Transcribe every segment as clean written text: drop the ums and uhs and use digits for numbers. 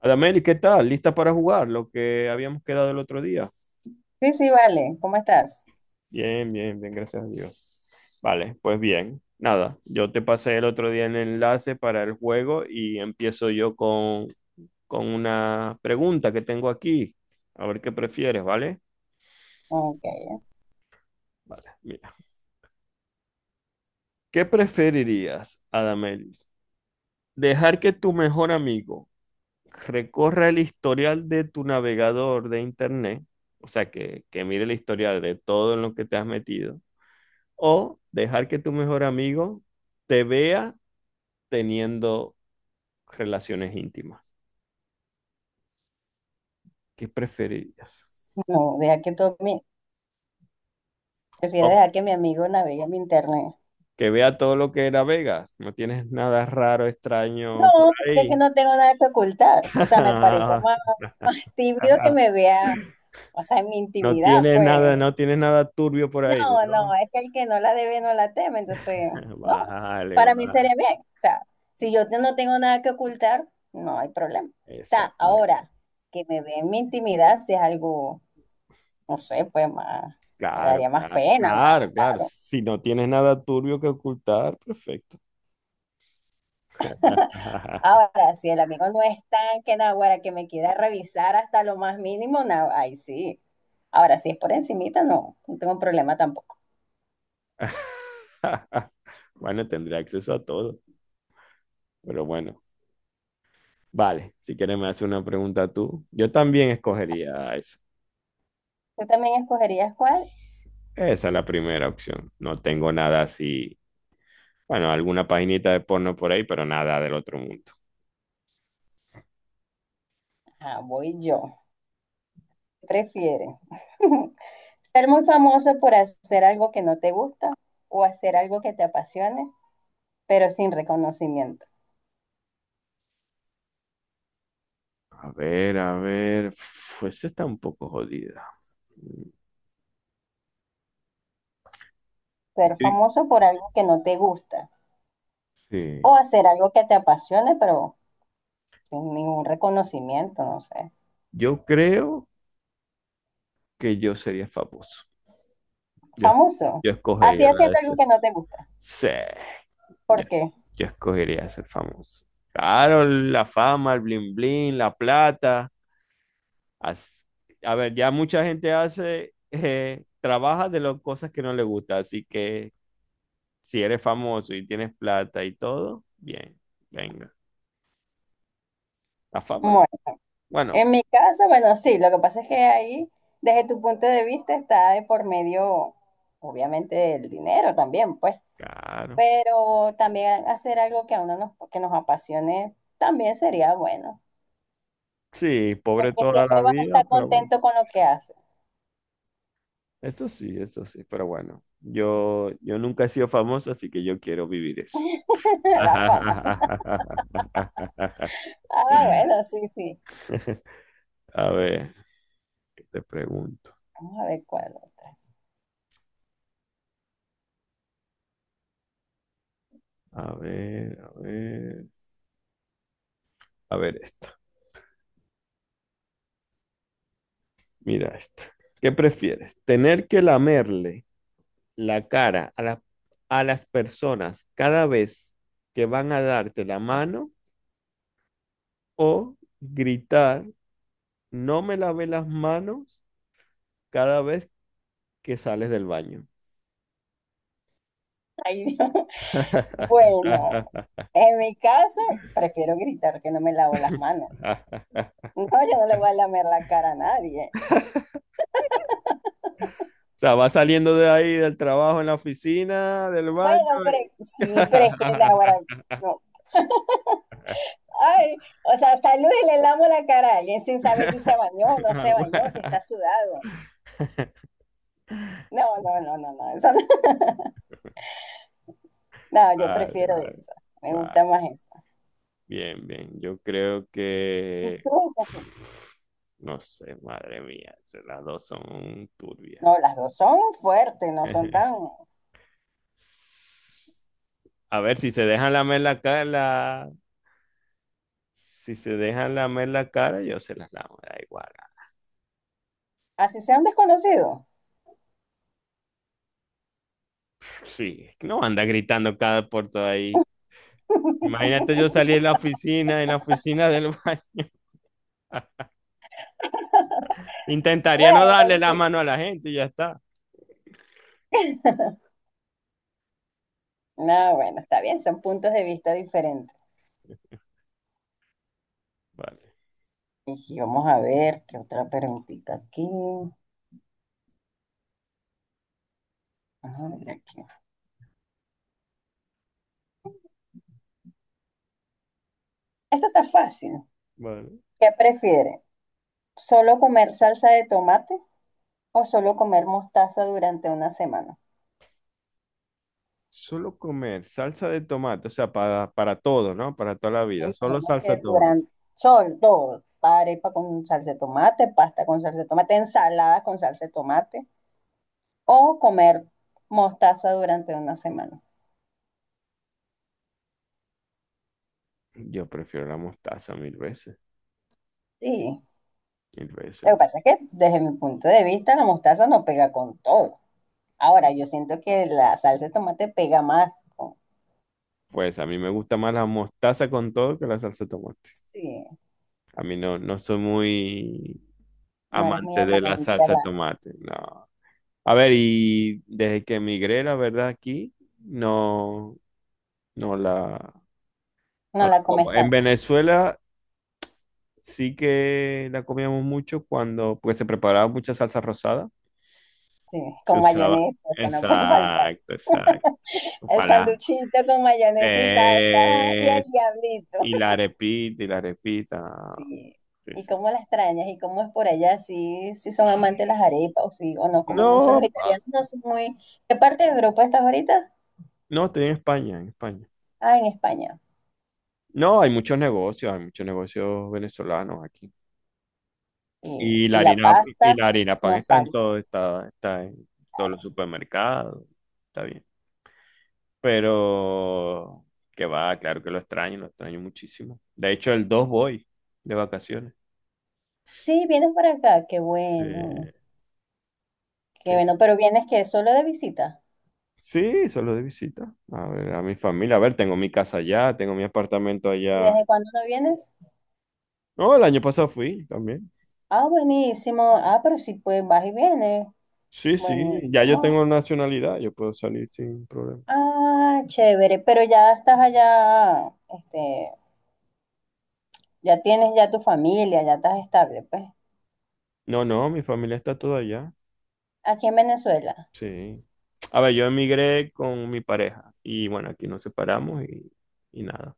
Adameli, ¿qué tal? ¿Lista para jugar? Lo que habíamos quedado el otro día. Sí, sí, vale. ¿Cómo estás? Bien, bien, bien, gracias a Dios. Vale, pues bien. Nada, yo te pasé el otro día el enlace para el juego y empiezo yo con una pregunta que tengo aquí. A ver qué prefieres, ¿vale? Ok. Vale, mira. ¿Qué preferirías, Adameli? ¿Dejar que tu mejor amigo recorra el historial de tu navegador de internet? O sea, que mire el historial de todo en lo que te has metido o dejar que tu mejor amigo te vea teniendo relaciones íntimas. ¿Qué preferirías? No, deja que tú mi... Prefiero O dejar que mi amigo navegue mi internet. que vea todo lo que era Vegas. No tienes nada raro, extraño por No, porque es que ahí. no tengo nada que ocultar. O sea, me parece más, más tímido que me vea, o sea, en mi No intimidad, tienes nada, pues. no tienes nada turbio por ahí, No, no, ¿no? es que el que no la debe no la teme, entonces, no. Vale, Para mí vale. sería bien. O sea, no tengo nada que ocultar, no hay problema. O sea, Exacto. ahora que me ve en mi intimidad, si es algo, no sé, pues más, me Claro, daría más claro, pena, más, claro, claro. claro. Si no tienes nada turbio que ocultar, perfecto. Ahora, si el amigo no es tan que naguará que me quiera revisar hasta lo más mínimo, nah, ay sí. Ahora, si es por encimita, no, no tengo problema tampoco. Bueno, tendré acceso a todo, pero bueno. Vale, si quieres me haces una pregunta tú. Yo también escogería eso. ¿Tú también escogerías cuál? Esa es la primera opción. No tengo nada así. Bueno, alguna paginita de porno por ahí, pero nada del otro mundo. Ah, voy yo. ¿Qué prefieres? ¿Ser muy famoso por hacer algo que no te gusta o hacer algo que te apasione, pero sin reconocimiento? A ver, a ver. Uf, esa está un poco jodida. Ser Sí. famoso por algo que no te gusta o Sí. hacer algo que te apasione, pero sin ningún reconocimiento, no sé. Yo creo que yo sería famoso. Yo, Famoso. yo Así escogería la haciendo de algo ser. que no te gusta. Sí. Yo, ¿Por qué? yo escogería ser famoso. Claro, la fama, el bling bling, la plata. As- a ver, ya mucha gente hace, trabaja de las cosas que no le gusta, así que si eres famoso y tienes plata y todo, bien, venga. La fama, Bueno, bueno, en mi caso, bueno, sí, lo que pasa es que ahí, desde tu punto de vista, está de por medio, obviamente, el dinero también, pues, claro. pero también hacer algo que que nos apasione también sería bueno, Sí, pobre porque toda la siempre vas a vida, estar pero bueno, contento con lo que haces, eso sí, pero bueno, yo nunca he sido famoso, así que yo quiero vivir eso. la fama. Ah, bueno, sí, sí. A ver, ¿qué te pregunto? Vamos a ver cuál otra. A ver, a ver, a ver esto. Mira esto. ¿Qué prefieres? ¿Tener que lamerle la cara a las personas cada vez que van a darte la mano o gritar, no me lavé las manos cada vez que sales del baño? Ay, Dios. Bueno, en mi caso, prefiero gritar que no me lavo las manos. No, yo no le voy a lamer la cara a nadie. O sea, va saliendo de ahí del trabajo en la oficina, del baño. Bueno, pero y- sí, pero es que ahora no. Ay, o sea, salud y le lamo la cara a alguien sin saber si se bañó o no se bañó, si está sudado. No, no, no, no, no, eso no. No, yo Vale, prefiero vale, eso. Me gusta vale. más eso. Bien, bien. Yo creo Tú. que... No sé, madre mía. Las dos son turbias. No, las dos son fuertes, no son tan. A ver, si se dejan lamer la cara, si se dejan lamer la cara, yo se las lamo, da igual. Así sean desconocidos. Sí, es que no anda gritando cada puerto ahí. Imagínate yo salir de la oficina, en la oficina del baño. Intentaría no Bueno, darle la mano a la gente y ya está. no, bueno, está bien, son puntos de vista diferentes. Vale, Y vamos a ver qué otra preguntita aquí. Ajá, mira aquí. Esta está fácil. vale. ¿Qué prefiere? ¿Solo comer salsa de tomate o solo comer mostaza durante una semana? Solo comer salsa de tomate, o sea, para todo, ¿no? Para toda la Me vida. Solo imagino salsa que de tomate. durante sol, todo, arepa con salsa de tomate, pasta con salsa de tomate, ensalada con salsa de tomate, o comer mostaza durante una semana. Yo prefiero la mostaza mil veces, Sí, mil veces. lo que pasa es que desde mi punto de vista la mostaza no pega con todo. Ahora, yo siento que la salsa de tomate pega más. Pues a mí me gusta más la mostaza con todo que la salsa de tomate. Sí, A mí no, no soy muy no eres muy amante de la amante, salsa de tomate, no. A ver, y desde que emigré, la verdad, aquí, no, no la, no no la la como. comes En tanto. Venezuela sí que la comíamos mucho cuando, pues se preparaba mucha salsa rosada. Sí, Se con usaba. mayonesa, eso no puede faltar. Exacto, exacto. El Para. sanduchito con mayonesa y salsa y el Eh, diablito. y la arepita, y la repita. Sí. Sí, ¿Y sí, cómo sí. las extrañas? ¿Y cómo es por allá? ¿Sí, sí son amantes de las arepas o, sí, o no comen mucho los No, ah, italianos? No son muy... ¿Qué parte de Europa estás ahorita? no, estoy en España, en España. Ah, en España. No, hay muchos negocios venezolanos aquí. Sí. Y la Y la harina, y pasta la harina pan no está en falta. todo, está en todos los Claro. supermercados, está bien. Pero que va, claro que lo extraño muchísimo. De hecho, el 2 voy de vacaciones. Sí, vienes por acá. Qué bueno. Eh, Qué Sí, bueno. Pero vienes que solo de visita. sí, solo de visita. A ver, a mi familia. A ver, tengo mi casa allá, tengo mi apartamento ¿Y allá. desde cuándo no vienes? No, el año pasado fui también. Ah, buenísimo. Ah, pero sí, pues vas y vienes. Sí, sí, ya yo Buenísimo. tengo nacionalidad, yo puedo salir sin problema. Ah, chévere, pero ya estás allá, este, ya tienes ya tu familia, ya estás estable, pues. No, no, mi familia está toda allá. Aquí en Venezuela. Sí. A ver, yo emigré con mi pareja y bueno, aquí nos separamos y nada.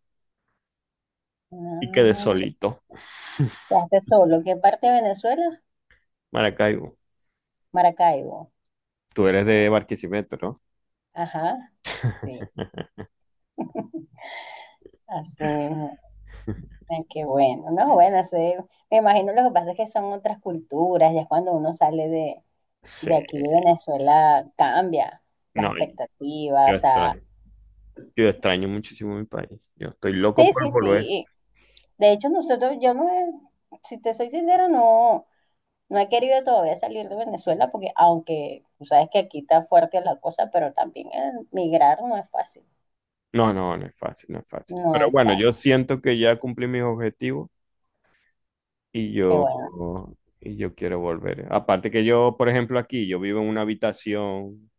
Y quedé Ah, chévere. solito. Quedaste solo. ¿Qué parte de Venezuela? Maracaibo, Maracaibo. tú eres de Barquisimeto, ¿no? Ajá. Sí, así mismo. Ah, qué bueno. No, bueno, sí, me imagino lo que pasa es que son otras culturas, ya cuando uno sale Sí. de aquí de Venezuela cambia las No, yo expectativas, o sea, estoy, yo extraño muchísimo mi país. Yo estoy loco sí, por sí, volver. sí. De hecho, nosotros, yo no, he- si te soy sincera, no. No he querido todavía salir de Venezuela porque aunque tú sabes que aquí está fuerte la cosa, pero también migrar no es fácil, No, no, no es fácil, no es fácil. no Pero es bueno, yo fácil. siento que ya cumplí mis objetivos y Qué bueno. yo, y yo quiero volver. Aparte que yo, por ejemplo, aquí, yo vivo en una habitación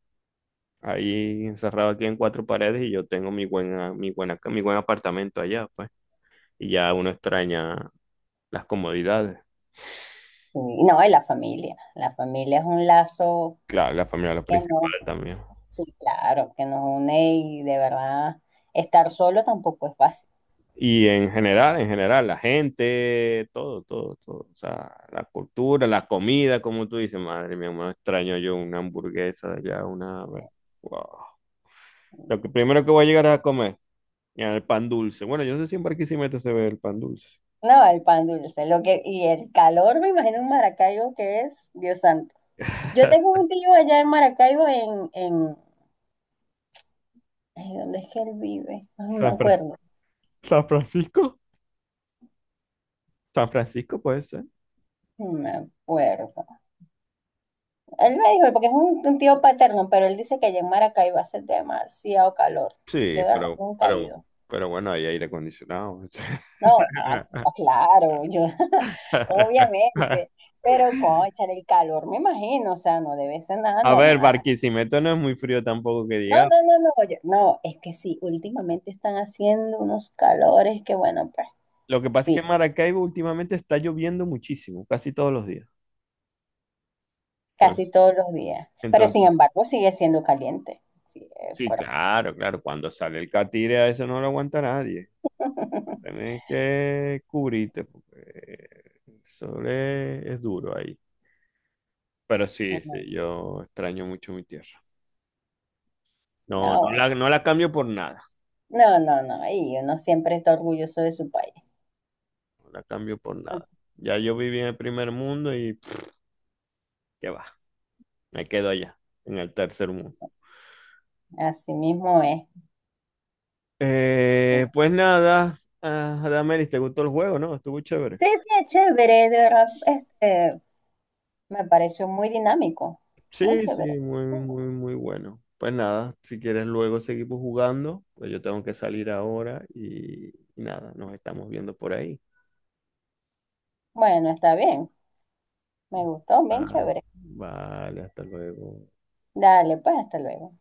ahí encerrado aquí en cuatro paredes y yo tengo mi buen apartamento allá, pues. Y ya uno extraña las comodidades. Y no, y la familia. La familia es un lazo Claro, la familia es lo que no, principal también. sí, claro, que nos une y de verdad estar solo tampoco es fácil. Y en general, la gente, todo, todo, todo. O sea, la cultura, la comida, como tú dices, madre mía, me extraño yo una hamburguesa de allá, una... Wow. Lo que primero que voy a llegar es a comer, ya, el pan dulce. Bueno, yo no sé si en Barquisimeto se ve el pan dulce. No, el pan dulce, lo que, y el calor, me imagino en Maracaibo que es, Dios santo. Yo tengo un tío allá en Maracaibo en, ay, ¿dónde es que él vive? Ay, no me San Fra- acuerdo, San Francisco, San Francisco puede ser. no me acuerdo. Él me dijo, porque es un tío paterno, pero él dice que allá en Maracaibo hace demasiado calor. Yo Sí, de verdad nunca he ido. pero bueno, hay aire acondicionado. No, ah, no, claro, yo, obviamente. Pero, cónchale, el calor, me imagino, o sea, no debe ser nada A ver, normal. Barquisimeto no es muy frío tampoco que No, diga. no, no, no, oye, no, es que sí, últimamente están haciendo unos calores que, bueno, pues Lo que pasa es sí, que en Maracaibo últimamente está lloviendo muchísimo, casi todos los días. Entonces, casi todos los días. Pero sin entonces, embargo, sigue siendo caliente. Sí, es sí, fuerte. claro, claro, cuando sale el catire a eso no lo aguanta nadie. Tienes que cubrirte porque es duro ahí. Pero sí, sí, yo extraño mucho mi tierra. No, No, bueno. No la cambio por nada, No, no, no, y uno siempre está orgulloso de su país. no la cambio por nada. Ya yo viví en el primer mundo y pff, qué va, me quedo allá, en el tercer mundo. Así mismo es. Pues nada, ah, Adamel, ¿te gustó el juego, no? Estuvo chévere. Sí, sí, es chévere, de verdad, este, me pareció muy dinámico, muy Sí, chévere. sí, muy, muy, muy bueno. Pues nada, si quieres luego seguimos jugando, pues yo tengo que salir ahora y nada, nos estamos viendo por ahí. Bueno, está bien, me gustó, bien Ah, chévere. vale, hasta luego. Dale, pues, hasta luego.